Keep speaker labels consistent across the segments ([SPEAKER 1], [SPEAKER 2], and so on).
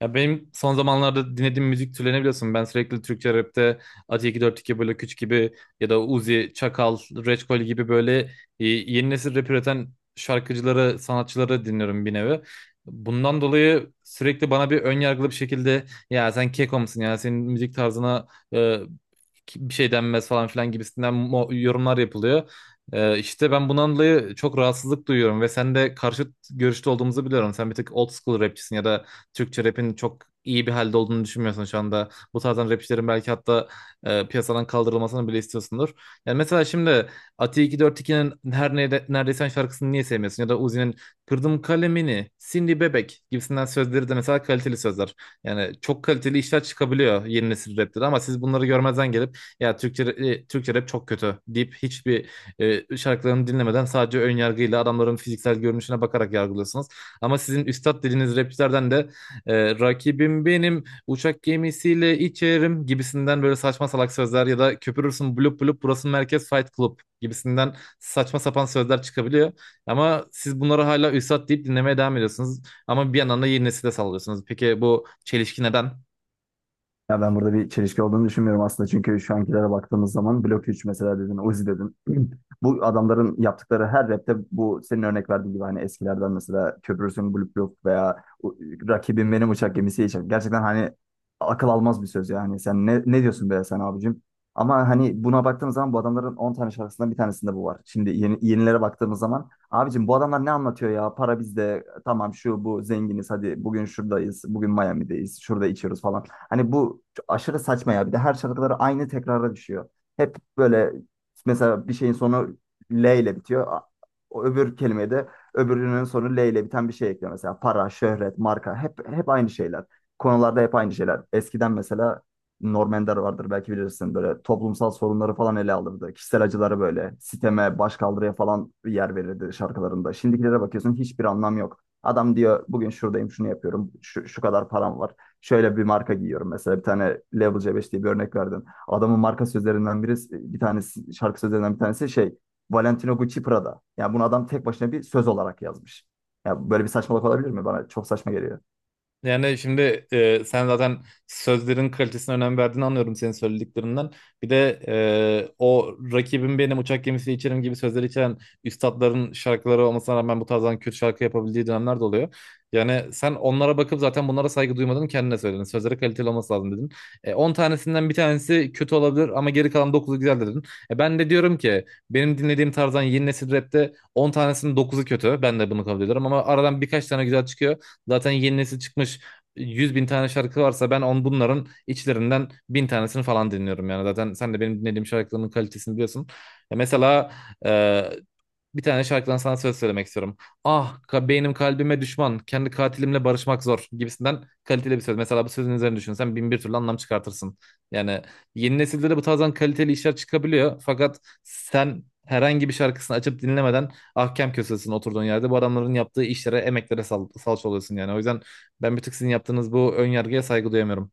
[SPEAKER 1] Ya benim son zamanlarda dinlediğim müzik türlerini biliyorsun. Ben sürekli Türkçe rapte Ati 242 böyle Küç gibi ya da Uzi, Çakal, Reçkol gibi böyle yeni nesil rap üreten şarkıcıları, sanatçıları dinliyorum bir nevi. Bundan dolayı sürekli bana bir ön yargılı bir şekilde ya sen keko musun ya senin müzik tarzına e, bir şey denmez falan filan gibisinden yorumlar yapılıyor. İşte ben bundan dolayı çok rahatsızlık duyuyorum ve sen de karşıt görüşte olduğumuzu biliyorum. Sen bir tık old school rapçisin ya da Türkçe rapin çok iyi bir halde olduğunu düşünmüyorsun şu anda. Bu tarzdan rapçilerin belki hatta piyasadan kaldırılmasını bile istiyorsundur. Yani mesela şimdi Ati 242'nin her neredeyse Sen şarkısını niye sevmiyorsun? Ya da Uzi'nin Kırdım Kalemini, Cindy Bebek gibisinden sözleri de mesela kaliteli sözler. Yani çok kaliteli işler çıkabiliyor yeni nesil rapte de, ama siz bunları görmezden gelip ya Türkçe rap çok kötü deyip hiçbir şarkılarını dinlemeden sadece ön yargıyla adamların fiziksel görünüşüne bakarak yargılıyorsunuz. Ama sizin üstad dediğiniz rapçilerden de "rakibim benim uçak gemisiyle içerim" gibisinden böyle saçma salak sözler ya da "köpürürsün blup blup burası merkez fight club" gibisinden saçma sapan sözler çıkabiliyor. Ama siz bunları hala üstad deyip dinlemeye devam ediyorsunuz. Ama bir yandan da yeni nesile sallıyorsunuz. Peki bu çelişki neden?
[SPEAKER 2] Ya ben burada bir çelişki olduğunu düşünmüyorum aslında. Çünkü şu ankilere baktığımız zaman Blok 3 mesela dedin, Uzi dedin. Bu adamların yaptıkları her rapte bu senin örnek verdiğin gibi hani eskilerden mesela Köprüsün Blok Blok veya u- Rakibim Benim Uçak Gemisi için. Gerçekten hani akıl almaz bir söz ya hani sen ne diyorsun be sen abicim? Ama hani buna baktığımız zaman bu adamların 10 tane şarkısından bir tanesinde bu var. Şimdi yenilere baktığımız zaman abicim bu adamlar ne anlatıyor ya? Para bizde, tamam, şu bu zenginiz, hadi bugün şuradayız, bugün Miami'deyiz, şurada içiyoruz falan. Hani bu çok aşırı saçma ya. Bir de her şarkıları aynı tekrara düşüyor. Hep böyle mesela bir şeyin sonu L ile bitiyor. O öbür kelimeye de öbürünün sonu L ile biten bir şey ekliyor. Mesela para, şöhret, marka hep aynı şeyler. Konularda hep aynı şeyler. Eskiden mesela Norm Ender vardır, belki bilirsin. Böyle toplumsal sorunları falan ele alırdı. Kişisel acıları, böyle siteme, başkaldırıya falan yer verirdi şarkılarında. Şimdikilere bakıyorsun, hiçbir anlam yok. Adam diyor bugün şuradayım, şunu yapıyorum. Şu kadar param var, şöyle bir marka giyiyorum mesela. Bir tane Level C5 diye bir örnek verdin. Adamın marka sözlerinden birisi, bir tanesi, şarkı sözlerinden bir tanesi şey, Valentino Gucci Prada. Yani bunu adam tek başına bir söz olarak yazmış. Ya böyle bir saçmalık olabilir mi? Bana çok saçma geliyor.
[SPEAKER 1] Yani şimdi sen zaten sözlerin kalitesine önem verdiğini anlıyorum senin söylediklerinden. Bir de o "rakibim benim uçak gemisi içerim" gibi sözleri içeren üstatların şarkıları olmasına rağmen bu tarzdan kötü şarkı yapabildiği dönemler de oluyor. Yani sen onlara bakıp zaten bunlara saygı duymadın, kendine söyledin. Sözleri kaliteli olması lazım dedin. 10 tanesinden bir tanesi kötü olabilir ama geri kalan dokuzu güzel dedin. Ben de diyorum ki benim dinlediğim tarzdan yeni nesil rapte 10 tanesinin dokuzu kötü. Ben de bunu kabul ediyorum ama aradan birkaç tane güzel çıkıyor. Zaten yeni nesil çıkmış 100 bin tane şarkı varsa ben bunların içlerinden bin tanesini falan dinliyorum yani. Zaten sen de benim dinlediğim şarkıların kalitesini biliyorsun. Ya mesela e, bir tane şarkıdan sana söz söylemek istiyorum. Beynim kalbime düşman. Kendi katilimle barışmak zor gibisinden kaliteli bir söz. Mesela bu sözün üzerine düşünsen bin bir türlü anlam çıkartırsın. Yani yeni nesilde de bu tarzdan kaliteli işler çıkabiliyor. Fakat sen herhangi bir şarkısını açıp dinlemeden ahkem kösesin oturduğun yerde. Bu adamların yaptığı işlere, emeklere sal salça oluyorsun yani. O yüzden ben bir tık sizin yaptığınız bu ön yargıya saygı duyamıyorum.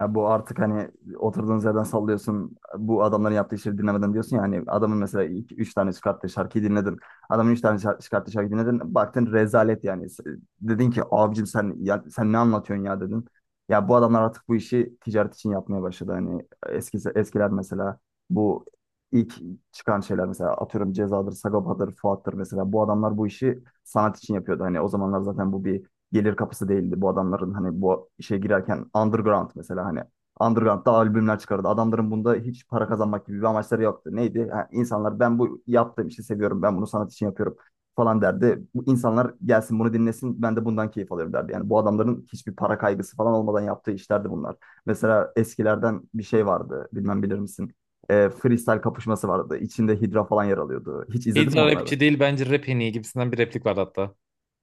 [SPEAKER 2] Ya bu artık hani oturduğunuz yerden sallıyorsun. Bu adamların yaptığı işleri dinlemeden diyorsun ya, hani adamın mesela iki, üç tane çıkarttığı şarkıyı dinledin. Adamın üç tane çıkarttığı şarkıyı dinledin. Baktın rezalet yani. Dedin ki abicim sen ya, sen ne anlatıyorsun ya dedin. Ya bu adamlar artık bu işi ticaret için yapmaya başladı. Hani eskiler mesela, bu ilk çıkan şeyler mesela, atıyorum Ceza'dır, Sagopa'dır, Fuat'tır mesela. Bu adamlar bu işi sanat için yapıyordu. Hani o zamanlar zaten bu bir gelir kapısı değildi bu adamların. Hani bu işe girerken underground mesela, hani underground'da albümler çıkardı. Adamların bunda hiç para kazanmak gibi bir amaçları yoktu. Neydi? Ha, insanlar, ben bu yaptığım işi seviyorum, ben bunu sanat için yapıyorum falan derdi. Bu insanlar gelsin bunu dinlesin, ben de bundan keyif alıyorum derdi. Yani bu adamların hiçbir para kaygısı falan olmadan yaptığı işlerdi bunlar. Mesela eskilerden bir şey vardı, bilmem bilir misin? Freestyle kapışması vardı. İçinde Hidra falan yer alıyordu. Hiç izledin mi
[SPEAKER 1] Hidra
[SPEAKER 2] onları?
[SPEAKER 1] rapçi değil, bence rap en iyi gibisinden bir replik vardı hatta.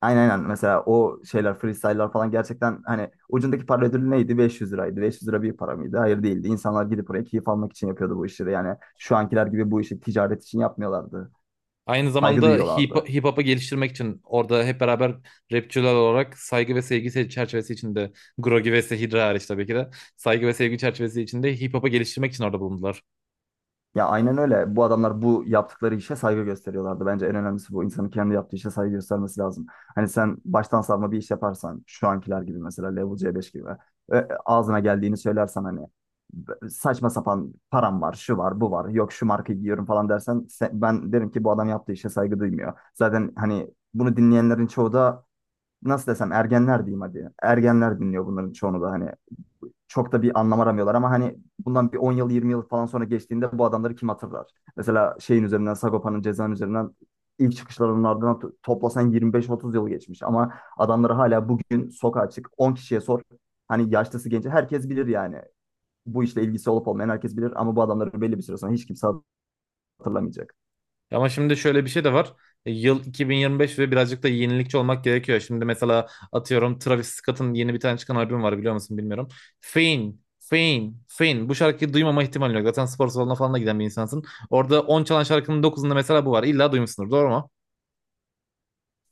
[SPEAKER 2] Aynen aynen. Mesela o şeyler, freestyle'lar falan, gerçekten hani ucundaki para ödülü neydi? 500 liraydı. 500 lira bir para mıydı? Hayır, değildi. İnsanlar gidip oraya keyif almak için yapıyordu bu işleri. Yani şu ankiler gibi bu işi ticaret için yapmıyorlardı.
[SPEAKER 1] Aynı
[SPEAKER 2] Saygı
[SPEAKER 1] zamanda hip,
[SPEAKER 2] duyuyorlardı.
[SPEAKER 1] hip hop'u geliştirmek için orada hep beraber rapçiler olarak saygı ve sevgi çerçevesi içinde, Grogi ve Sehidra hariç tabii ki de, saygı ve sevgi çerçevesi içinde hip hop'u geliştirmek için orada bulundular.
[SPEAKER 2] Ya aynen öyle. Bu adamlar bu yaptıkları işe saygı gösteriyorlardı. Bence en önemlisi bu. İnsanın kendi yaptığı işe saygı göstermesi lazım. Hani sen baştan savma bir iş yaparsan, şu ankiler gibi mesela Level C5 gibi ağzına geldiğini söylersen, hani saçma sapan param var, şu var, bu var, yok şu markayı giyiyorum falan dersen, se- ben derim ki bu adam yaptığı işe saygı duymuyor. Zaten hani bunu dinleyenlerin çoğu da, nasıl desem, ergenler diyeyim hadi. Ergenler dinliyor bunların çoğunu da, hani çok da bir anlam aramıyorlar, ama hani bundan bir 10 yıl 20 yıl falan sonra geçtiğinde bu adamları kim hatırlar? Mesela şeyin üzerinden, Sagopa'nın, cezanın üzerinden ilk çıkışlarının ardından toplasan 25-30 yıl geçmiş, ama adamları hala bugün sokağa çık, 10 kişiye sor, hani yaşlısı genci herkes bilir yani, bu işle ilgisi olup olmayan herkes bilir, ama bu adamları belli bir süre sonra hiç kimse hatırlamayacak.
[SPEAKER 1] Ama şimdi şöyle bir şey de var. Yıl 2025 ve birazcık da yenilikçi olmak gerekiyor. Şimdi mesela atıyorum Travis Scott'ın yeni bir tane çıkan albüm var, biliyor musun bilmiyorum. Fame, Fame, Fame. Bu şarkıyı duymama ihtimali yok. Zaten spor salonuna falan da giden bir insansın. Orada 10 çalan şarkının dokuzunda mesela bu var. İlla duymuşsundur, doğru mu?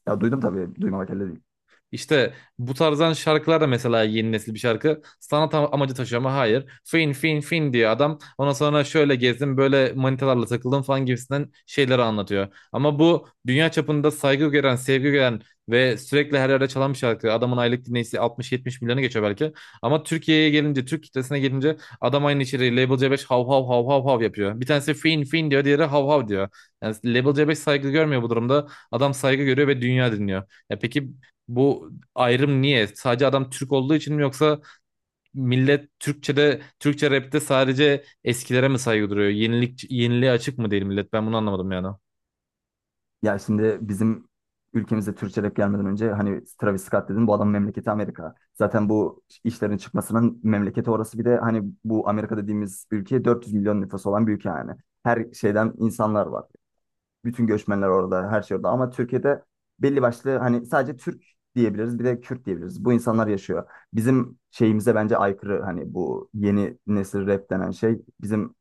[SPEAKER 2] Ya duydum tabii, duymamak elde değil.
[SPEAKER 1] İşte bu tarzdan şarkılar da mesela yeni nesil bir şarkı. Sanat amacı taşıyor ama hayır. Fin fin fin diyor adam. Ondan sonra şöyle gezdim böyle manitalarla takıldım falan gibisinden şeyleri anlatıyor. Ama bu dünya çapında saygı gören, sevgi gören ve sürekli her yerde çalan bir şarkı. Adamın aylık dinleyicisi 60-70 milyonu geçiyor belki. Ama Türkiye'ye gelince, Türk kitlesine gelince adam aynı içeriği Label C5 hav hav hav hav hav yapıyor. Bir tanesi fin fin diyor, diğeri hav hav diyor. Yani Label C5 saygı görmüyor bu durumda. Adam saygı görüyor ve dünya dinliyor. Ya peki bu ayrım niye? Sadece adam Türk olduğu için mi, yoksa millet Türkçe'de, Türkçe rap'te sadece eskilere mi saygı duruyor? Yeniliğe açık mı değil millet? Ben bunu anlamadım yani.
[SPEAKER 2] Ya şimdi bizim ülkemizde Türkçe rap gelmeden önce, hani Travis Scott dedin, bu adamın memleketi Amerika. Zaten bu işlerin çıkmasının memleketi orası, bir de hani bu Amerika dediğimiz ülke 400 milyon nüfusu olan bir ülke yani. Her şeyden insanlar var. Bütün göçmenler orada, her şey orada. Ama Türkiye'de belli başlı, hani sadece Türk diyebiliriz, bir de Kürt diyebiliriz. Bu insanlar yaşıyor. Bizim şeyimize bence aykırı hani bu yeni nesil rap denen şey bizim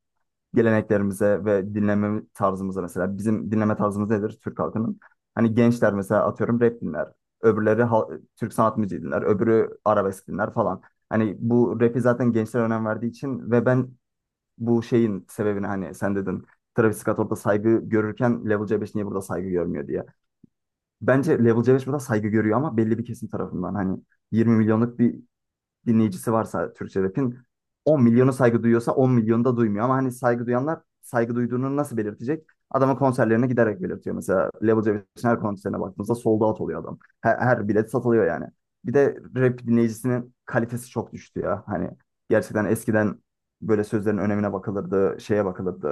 [SPEAKER 2] geleneklerimize ve dinleme tarzımıza. Mesela bizim dinleme tarzımız nedir Türk halkının? Hani gençler mesela atıyorum rap dinler. Öbürleri Türk sanat müziği dinler. Öbürü arabesk dinler falan. Hani bu rap'i zaten gençler önem verdiği için, ve ben bu şeyin sebebini, hani sen dedin Travis Scott orada saygı görürken Level C5 niye burada saygı görmüyor diye. Bence Level C5 burada saygı görüyor, ama belli bir kesim tarafından. Hani 20 milyonluk bir dinleyicisi varsa Türkçe rap'in, 10 milyonu saygı duyuyorsa 10 milyonu da duymuyor. Ama hani saygı duyanlar saygı duyduğunu nasıl belirtecek? Adamın konserlerine giderek belirtiyor. Mesela Level Cebesi'nin her konserine baktığımızda sold out oluyor adam. Her bilet satılıyor yani. Bir de rap dinleyicisinin kalitesi çok düştü ya. Hani gerçekten eskiden böyle sözlerin önemine bakılırdı, şeye bakılırdı.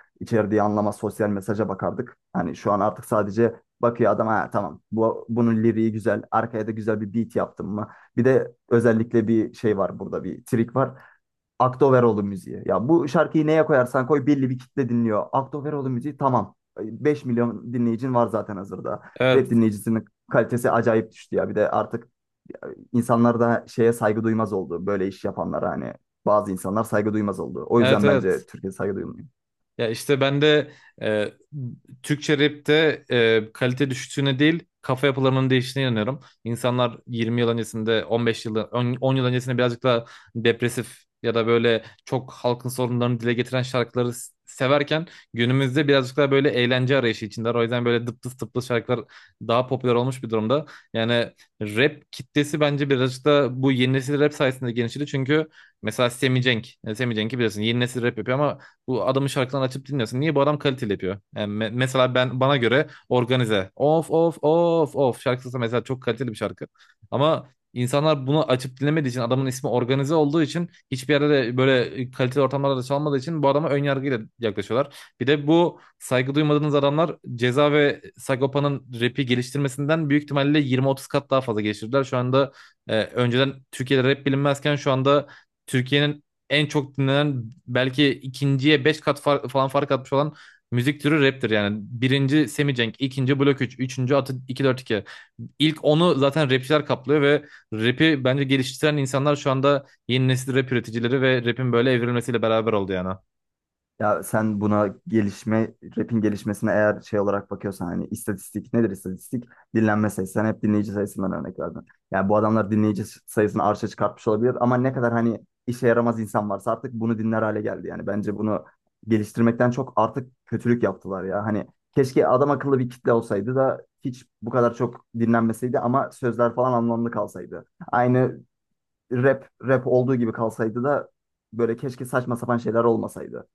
[SPEAKER 2] İçerdiği anlama, sosyal mesaja bakardık. Hani şu an artık sadece bakıyor adam, ha tamam, bunun liriği güzel, arkaya da güzel bir beat yaptım mı? Bir de özellikle bir şey var burada, bir trik var. Aktoveroğlu müziği. Ya bu şarkıyı neye koyarsan koy belli bir kitle dinliyor. Aktoveroğlu müziği, tamam, 5 milyon dinleyicin var zaten hazırda.
[SPEAKER 1] Evet,
[SPEAKER 2] Rap dinleyicisinin kalitesi acayip düştü ya. Bir de artık insanlar da şeye saygı duymaz oldu. Böyle iş yapanlara hani bazı insanlar saygı duymaz oldu. O
[SPEAKER 1] evet,
[SPEAKER 2] yüzden bence
[SPEAKER 1] evet.
[SPEAKER 2] Türkiye saygı duymuyor.
[SPEAKER 1] Ya işte ben de e, Türkçe rapte kalite düştüğüne değil kafa yapılarının değiştiğine inanıyorum. İnsanlar 20 yıl öncesinde, 15 yıl, 10 yıl öncesinde birazcık daha depresif ya da böyle çok halkın sorunlarını dile getiren şarkıları severken, günümüzde birazcık daha böyle eğlence arayışı içindeler. O yüzden böyle dıptıs dıptıs şarkılar daha popüler olmuş bir durumda. Yani rap kitlesi bence birazcık da bu yeni nesil rap sayesinde genişledi. Çünkü mesela Semi Cenk, yani Semi Cenk'i biliyorsun, yeni nesil rap yapıyor ama bu adamın şarkılarını açıp dinliyorsun. Niye bu adam kaliteli yapıyor? Yani mesela ben bana göre Organize. Of of of of şarkısı mesela çok kaliteli bir şarkı. Ama insanlar bunu açıp dinlemediği için, adamın ismi Organize olduğu için, hiçbir yerde de böyle kaliteli ortamlarda da çalmadığı için bu adama ön yargıyla yaklaşıyorlar. Bir de bu saygı duymadığınız adamlar Ceza ve Sagopa'nın rap'i geliştirmesinden büyük ihtimalle 20-30 kat daha fazla geliştirdiler. Şu anda önceden Türkiye'de rap bilinmezken şu anda Türkiye'nin en çok dinlenen, belki ikinciye 5 kat falan fark atmış olan müzik türü raptir yani. Birinci Semicenk, ikinci Blok 3, üçüncü Atı 242. İlk onu zaten rapçiler kaplıyor ve rapi bence geliştiren insanlar şu anda yeni nesil rap üreticileri, ve rapin böyle evrilmesiyle beraber oldu yani.
[SPEAKER 2] Ya sen buna gelişme, rap'in gelişmesine eğer şey olarak bakıyorsan, hani istatistik nedir istatistik? Dinlenme sayısı. Sen hep dinleyici sayısından örnek verdin. Yani bu adamlar dinleyici sayısını arşa çıkartmış olabilir, ama ne kadar hani işe yaramaz insan varsa artık bunu dinler hale geldi. Yani bence bunu geliştirmekten çok artık kötülük yaptılar ya. Hani keşke adam akıllı bir kitle olsaydı da hiç bu kadar çok dinlenmeseydi, ama sözler falan anlamlı kalsaydı. Aynı rap rap olduğu gibi kalsaydı da böyle keşke saçma sapan şeyler olmasaydı.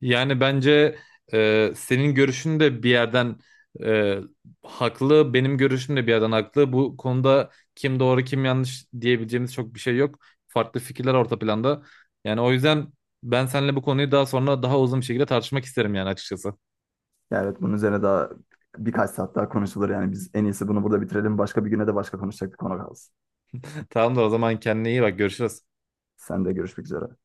[SPEAKER 1] Yani bence senin görüşün de bir yerden e, haklı, benim görüşüm de bir yerden haklı. Bu konuda kim doğru kim yanlış diyebileceğimiz çok bir şey yok. Farklı fikirler orta planda. Yani o yüzden ben seninle bu konuyu daha sonra daha uzun bir şekilde tartışmak isterim yani, açıkçası.
[SPEAKER 2] Yani evet, bunun üzerine daha birkaç saat daha konuşulur yani, biz en iyisi bunu burada bitirelim. Başka bir güne de başka konuşacak bir konu kalsın.
[SPEAKER 1] Tamamdır o zaman, kendine iyi bak, görüşürüz.
[SPEAKER 2] Sen de görüşmek üzere.